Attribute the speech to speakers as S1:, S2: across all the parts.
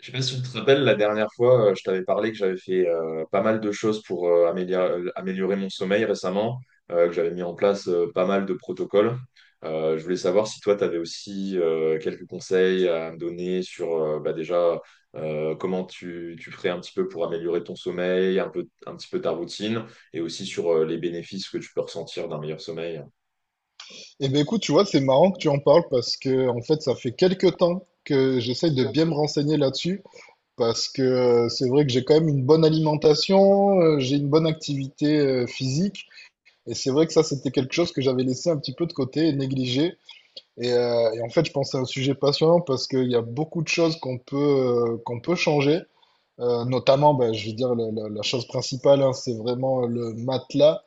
S1: Je sais pas si tu te rappelles, la dernière fois, je t'avais parlé que j'avais fait pas mal de choses pour améliorer mon sommeil récemment, que j'avais mis en place pas mal de protocoles. Je voulais savoir si toi, tu avais aussi quelques conseils à me donner sur bah, déjà comment tu ferais un petit peu pour améliorer ton sommeil, un peu, un petit peu ta routine, et aussi sur les bénéfices que tu peux ressentir d'un meilleur sommeil.
S2: Eh ben écoute, tu vois, c'est marrant que tu en parles parce que en fait, ça fait quelques temps que j'essaye de bien me renseigner là-dessus parce que c'est vrai que j'ai quand même une bonne alimentation, j'ai une bonne activité physique et c'est vrai que ça, c'était quelque chose que j'avais laissé un petit peu de côté et négligé. Et en fait, je pense que c'est un sujet passionnant parce qu'il y a beaucoup de choses qu'on peut changer notamment, ben, je veux dire, la chose principale, hein, c'est vraiment le matelas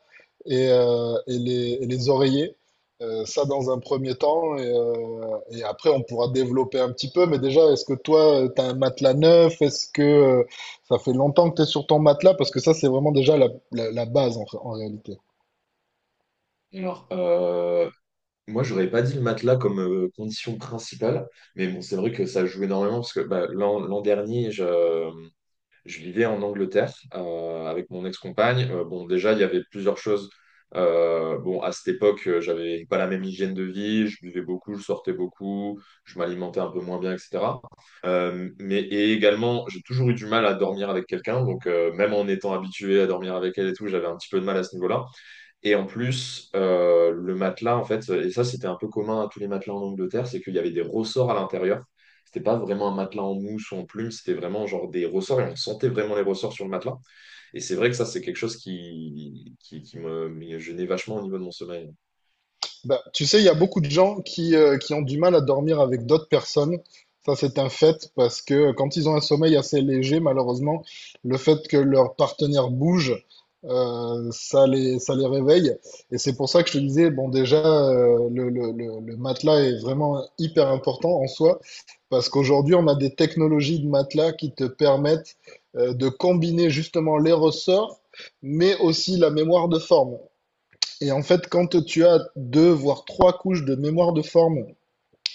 S2: et les oreillers. Ça, dans un premier temps. Et après, on pourra développer un petit peu. Mais déjà, est-ce que toi, tu as un matelas neuf? Est-ce que ça fait longtemps que tu es sur ton matelas? Parce que ça, c'est vraiment déjà la base en réalité.
S1: Alors, moi, j'aurais pas dit le matelas comme condition principale, mais bon, c'est vrai que ça joue énormément parce que bah, l'an dernier, je vivais en Angleterre avec mon ex-compagne. Bon, déjà, il y avait plusieurs choses. Bon, à cette époque, j'avais pas la même hygiène de vie, je buvais beaucoup, je sortais beaucoup, je m'alimentais un peu moins bien, etc. Mais et également, j'ai toujours eu du mal à dormir avec quelqu'un, donc même en étant habitué à dormir avec elle et tout, j'avais un petit peu de mal à ce niveau-là. Et en plus, le matelas, en fait, et ça c'était un peu commun à tous les matelas en Angleterre, c'est qu'il y avait des ressorts à l'intérieur. C'était pas vraiment un matelas en mousse ou en plume, c'était vraiment genre des ressorts et on sentait vraiment les ressorts sur le matelas. Et c'est vrai que ça, c'est quelque chose qui me gênait vachement au niveau de mon sommeil.
S2: Bah, tu sais, il y a beaucoup de gens qui ont du mal à dormir avec d'autres personnes. Ça, c'est un fait parce que quand ils ont un sommeil assez léger, malheureusement, le fait que leur partenaire bouge, ça les réveille. Et c'est pour ça que je te disais, bon, déjà, le matelas est vraiment hyper important en soi parce qu'aujourd'hui, on a des technologies de matelas qui te permettent de combiner justement les ressorts, mais aussi la mémoire de forme. Et en fait, quand tu as deux, voire trois couches de mémoire de forme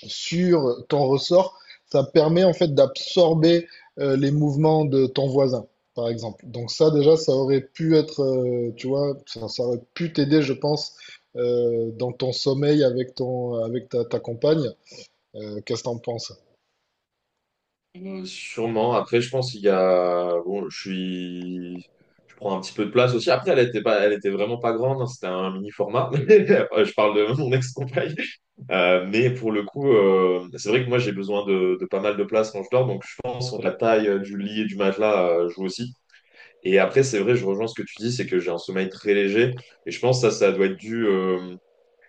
S2: sur ton ressort, ça permet en fait d'absorber les mouvements de ton voisin, par exemple. Donc ça, déjà, ça aurait pu être, tu vois, ça aurait pu t'aider, je pense, dans ton sommeil avec ta compagne. Qu'est-ce que t'en penses?
S1: Sûrement. Après, je pense qu'il y a. Bon, je suis. Je prends un petit peu de place aussi. Après, elle était pas, elle était vraiment pas grande, hein. C'était un mini format. Je parle de mon ex-compagne. Mais pour le coup, c'est vrai que moi j'ai besoin de pas mal de place quand je dors, donc je pense que la taille du lit et du matelas joue aussi. Et après, c'est vrai, je rejoins ce que tu dis, c'est que j'ai un sommeil très léger, et je pense que ça doit être dû.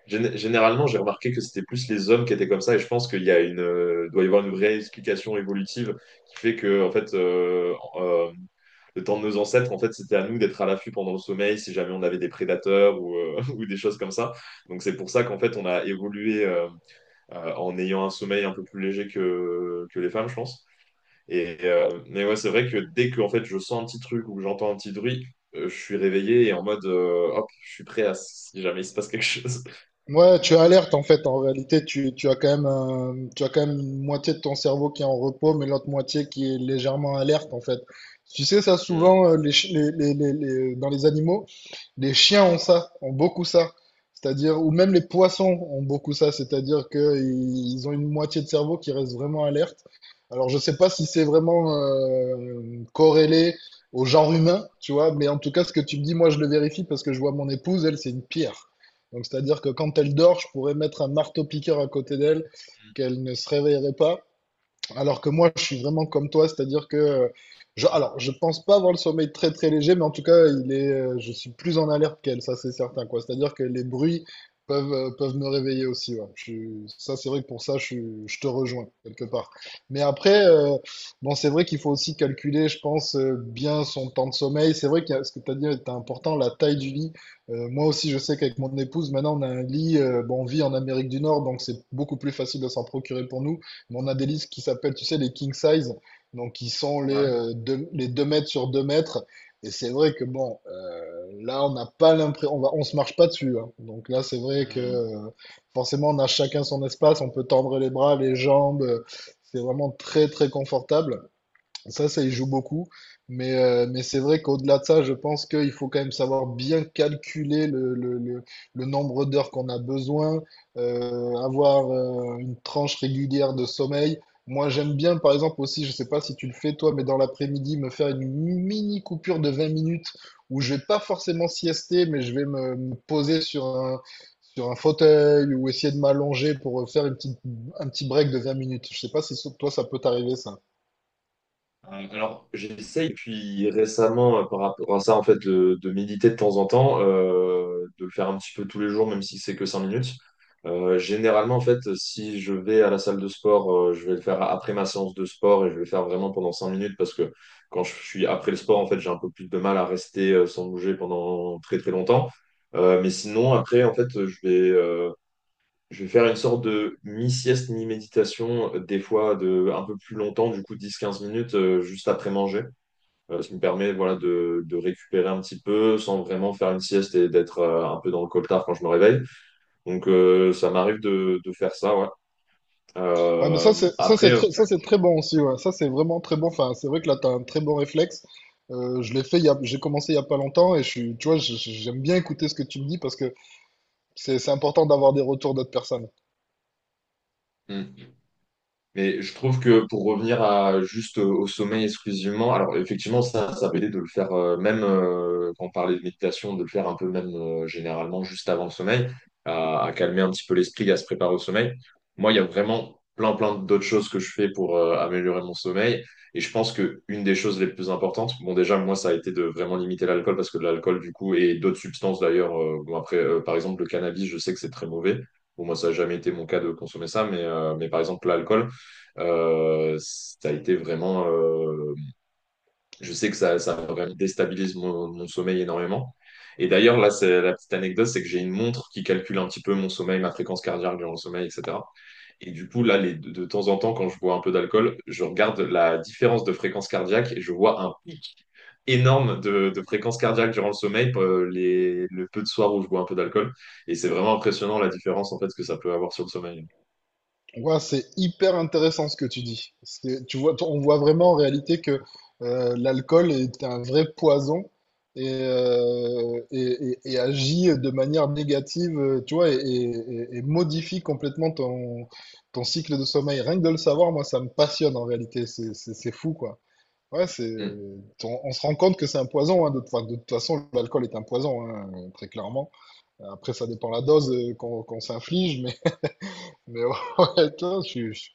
S1: Généralement, j'ai remarqué que c'était plus les hommes qui étaient comme ça, et je pense qu'il y a doit y avoir une vraie explication évolutive qui fait que, en fait, le temps de nos ancêtres, en fait, c'était à nous d'être à l'affût pendant le sommeil si jamais on avait des prédateurs ou, ou des choses comme ça. Donc c'est pour ça qu'en fait, on a évolué. En ayant un sommeil un peu plus léger que les femmes, je pense. Et, mais ouais, c'est vrai que dès que en fait, je sens un petit truc ou que j'entends un petit bruit, je suis réveillé et en mode hop, je suis prêt à si jamais il se passe quelque chose.
S2: Ouais, tu alertes en fait. En réalité, tu as quand même un- tu as quand même une moitié de ton cerveau qui est en repos, mais l'autre moitié qui est légèrement alerte en fait. Tu sais ça
S1: Mm.
S2: souvent les, chi- les- dans les animaux, les chiens ont ça, ont beaucoup ça. C'est-à-dire, ou même les poissons ont beaucoup ça. C'est-à-dire qu'ils ont une moitié de cerveau qui reste vraiment alerte alors, je sais pas si c'est vraiment corrélé au genre humain, tu vois, mais en tout cas, ce que tu me dis, moi, je le vérifie parce que je vois mon épouse, elle, c'est une pierre. Donc, c'est-à-dire que quand elle dort, je pourrais mettre un marteau-piqueur à côté d'elle, qu'elle ne se réveillerait pas. Alors que moi, je suis vraiment comme toi, c'est-à-dire que alors, je pense pas avoir le sommeil très très léger, mais en tout cas, je suis plus en alerte qu'elle, ça c'est certain, quoi. C'est-à-dire que les bruits peuvent, peuvent me réveiller aussi, ouais. Ça c'est vrai que pour ça, je te rejoins quelque part. Mais après, bon, c'est vrai qu'il faut aussi calculer, je pense, bien son temps de sommeil. C'est vrai que ce que tu as dit est important, la taille du lit. Moi aussi, je sais qu'avec mon épouse, maintenant, on a un lit, bon, on vit en Amérique du Nord, donc c'est beaucoup plus facile de s'en procurer pour nous. Mais on a des listes qui s'appellent, tu sais, les king size, donc qui sont
S1: Ouais.
S2: les 2 mètres sur 2 mètres. Et c'est vrai que bon, là, on n'a pas l'impression, on se marche pas dessus, hein. Donc là, c'est vrai que
S1: Mm.
S2: forcément, on a chacun son espace, on peut tendre les bras, les jambes. C'est vraiment très, très confortable. Ça y joue beaucoup. Mais c'est vrai qu'au-delà de ça, je pense qu'il faut quand même savoir bien calculer le nombre d'heures qu'on a besoin, avoir une tranche régulière de sommeil. Moi, j'aime bien, par exemple, aussi, je ne sais pas si tu le fais toi, mais dans l'après-midi, me faire une mini coupure de 20 minutes où je vais pas forcément siester, mais je vais me poser sur un fauteuil ou essayer de m'allonger pour faire un petit break de 20 minutes. Je ne sais pas si toi, ça peut t'arriver, ça.
S1: Alors, j'essaye depuis récemment par rapport à ça, en fait, de méditer de temps en temps, de le faire un petit peu tous les jours, même si c'est que 5 minutes. Généralement, en fait, si je vais à la salle de sport, je vais le faire après ma séance de sport et je vais le faire vraiment pendant 5 minutes parce que quand je suis après le sport, en fait, j'ai un peu plus de mal à rester sans bouger pendant très très longtemps. Mais sinon, après, en fait, je vais faire une sorte de mi-sieste, mi-méditation, des fois de un peu plus longtemps, du coup 10 15 minutes juste après manger. Ce qui me permet voilà, de récupérer un petit peu sans vraiment faire une sieste et d'être un peu dans le coltard quand je me réveille. Donc ça m'arrive de faire ça, ouais.
S2: Ah, mais
S1: Euh, après, euh,
S2: ça, c'est très bon aussi, ouais. Ça, c'est vraiment très bon. Enfin, c'est vrai que là, t'as un très bon réflexe. Je l'ai fait, j'ai commencé il y a pas longtemps et je suis, tu vois, j'aime bien écouter ce que tu me dis parce que c'est important d'avoir des retours d'autres personnes.
S1: hmm. Mais je trouve que pour revenir à juste au sommeil exclusivement, alors effectivement, ça peut aider de le faire même quand on parlait de méditation, de le faire un peu même généralement juste avant le sommeil, à calmer un petit peu l'esprit, à se préparer au sommeil. Moi, il y a vraiment plein, plein d'autres choses que je fais pour améliorer mon sommeil. Et je pense que une des choses les plus importantes, bon, déjà, moi, ça a été de vraiment limiter l'alcool parce que l'alcool, du coup, et d'autres substances d'ailleurs, bon, après, par exemple, le cannabis, je sais que c'est très mauvais. Bon, moi, ça n'a jamais été mon cas de consommer ça, mais par exemple, l'alcool. Ça a été vraiment. Je sais que ça vraiment déstabilise mon sommeil énormément. Et d'ailleurs, là, c'est la petite anecdote, c'est que j'ai une montre qui calcule un petit peu mon sommeil, ma fréquence cardiaque durant le sommeil, etc. Et du coup, là, de temps en temps, quand je bois un peu d'alcool, je regarde la différence de fréquence cardiaque et je vois un pic énorme de fréquence cardiaque durant le sommeil, le peu de soir où je bois un peu d'alcool. Et c'est vraiment impressionnant la différence en fait que ça peut avoir sur le sommeil.
S2: Ouais, c'est hyper intéressant ce que tu dis. Tu vois, on voit vraiment en réalité que l'alcool est un vrai poison et agit de manière négative, tu vois, et modifie complètement ton, ton cycle de sommeil. Rien que de le savoir, moi, ça me passionne en réalité. C'est fou, quoi. Ouais, c'est,
S1: Mm.
S2: on se rend compte que c'est un poison, hein, de, enfin, de toute façon, l'alcool est un poison, hein, très clairement. Après, ça dépend la dose qu'on s'inflige, mais ouais, attends, je suis, je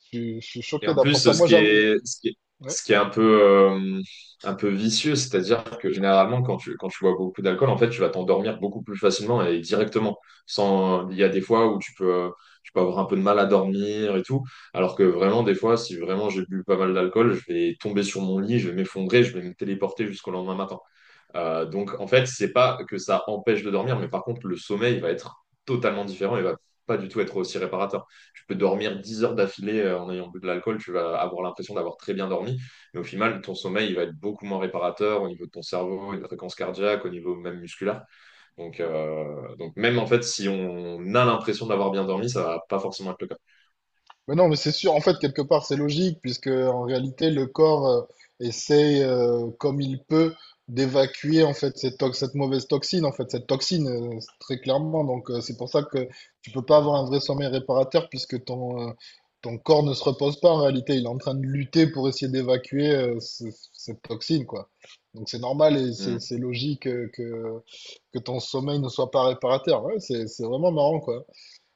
S2: suis- je suis
S1: Et
S2: choqué
S1: en
S2: d'apprendre
S1: plus,
S2: ça.
S1: ce
S2: Moi,
S1: qui
S2: j'avoue.
S1: est, ce qui est,
S2: Ouais.
S1: ce qui est un peu vicieux, c'est-à-dire que généralement, quand tu bois beaucoup d'alcool, en fait, tu vas t'endormir beaucoup plus facilement et directement. Sans, il y a des fois où tu peux avoir un peu de mal à dormir et tout. Alors que vraiment, des fois, si vraiment j'ai bu pas mal d'alcool, je vais tomber sur mon lit, je vais m'effondrer, je vais me téléporter jusqu'au lendemain matin. Donc en fait, c'est pas que ça empêche de dormir, mais par contre, le sommeil va être totalement différent et va pas du tout être aussi réparateur. Tu peux dormir 10 heures d'affilée en ayant bu de l'alcool, tu vas avoir l'impression d'avoir très bien dormi, mais au final, ton sommeil il va être beaucoup moins réparateur au niveau de ton cerveau, de la fréquence cardiaque, au niveau même musculaire. Donc même en fait, si on a l'impression d'avoir bien dormi, ça va pas forcément être le cas.
S2: Mais non, mais c'est sûr, en fait, quelque part, c'est logique, puisque en réalité, le corps essaie, comme il peut, d'évacuer en fait cette mauvaise toxine, en fait, cette toxine, très clairement. Donc, c'est pour ça que tu peux pas avoir un vrai sommeil réparateur, puisque ton corps ne se repose pas en réalité. Il est en train de lutter pour essayer d'évacuer cette toxine, quoi. Donc, c'est normal et c'est
S1: Hmm.
S2: c'est logique que ton sommeil ne soit pas réparateur. Ouais, c'est vraiment marrant, quoi.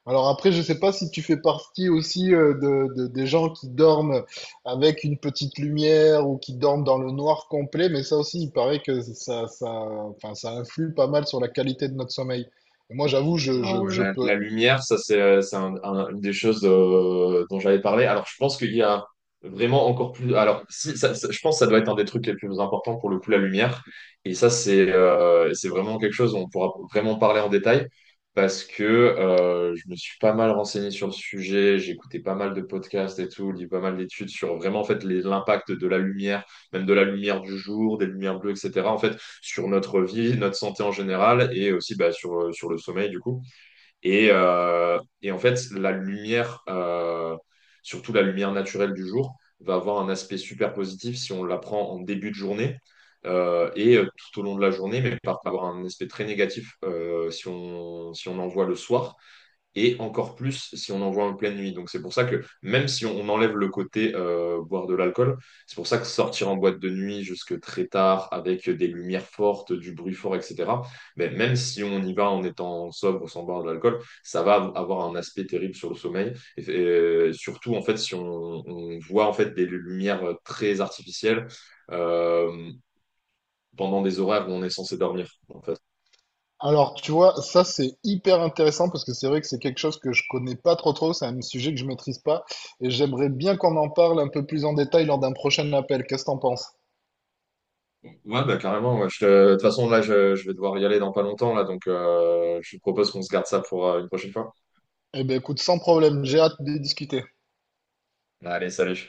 S2: Alors après, je ne sais pas si tu fais partie aussi des gens qui dorment avec une petite lumière ou qui dorment dans le noir complet, mais ça aussi, il paraît que ça influe pas mal sur la qualité de notre sommeil. Et moi, j'avoue,
S1: Ah ouais,
S2: je
S1: la,
S2: peux.
S1: la lumière, ça c'est une des choses dont j'avais parlé. Alors je pense qu'il y a vraiment encore plus. Alors si, je pense que ça doit être un des trucs les plus importants pour le coup la lumière. Et ça c'est vraiment quelque chose dont on pourra vraiment parler en détail parce que je me suis pas mal renseigné sur le sujet. J'ai écouté pas mal de podcasts et tout, lu pas mal d'études sur vraiment en fait l'impact de la lumière, même de la lumière du jour, des lumières bleues, etc. En fait sur notre vie, notre santé en général et aussi bah, sur sur le sommeil du coup. Et en fait, la lumière, surtout la lumière naturelle du jour, va avoir un aspect super positif si on la prend en début de journée et tout au long de la journée, mais par avoir un aspect très négatif si on en voit le soir et encore plus si on en voit en pleine nuit. Donc c'est pour ça que même si on enlève le côté boire de l'alcool, c'est pour ça que sortir en boîte de nuit jusque très tard avec des lumières fortes, du bruit fort, etc. Mais même si on y va en étant sobre, sans boire de l'alcool, ça va avoir un aspect terrible sur le sommeil. Et surtout en fait si voit en fait des lumières très artificielles. Euh, Pendant des horaires où on est censé dormir. En fait,
S2: Alors, tu vois, ça, c'est hyper intéressant parce que c'est vrai que c'est quelque chose que je connais pas trop, c'est un sujet que je maîtrise pas et j'aimerais bien qu'on en parle un peu plus en détail lors d'un prochain appel. Qu'est-ce que t'en penses?
S1: ouais, bah carrément, ouais. De toute façon, là, je vais devoir y aller dans pas longtemps, là, donc je te propose qu'on se garde ça pour une prochaine fois.
S2: Eh ben, écoute, sans problème, j'ai hâte de discuter.
S1: Allez, salut.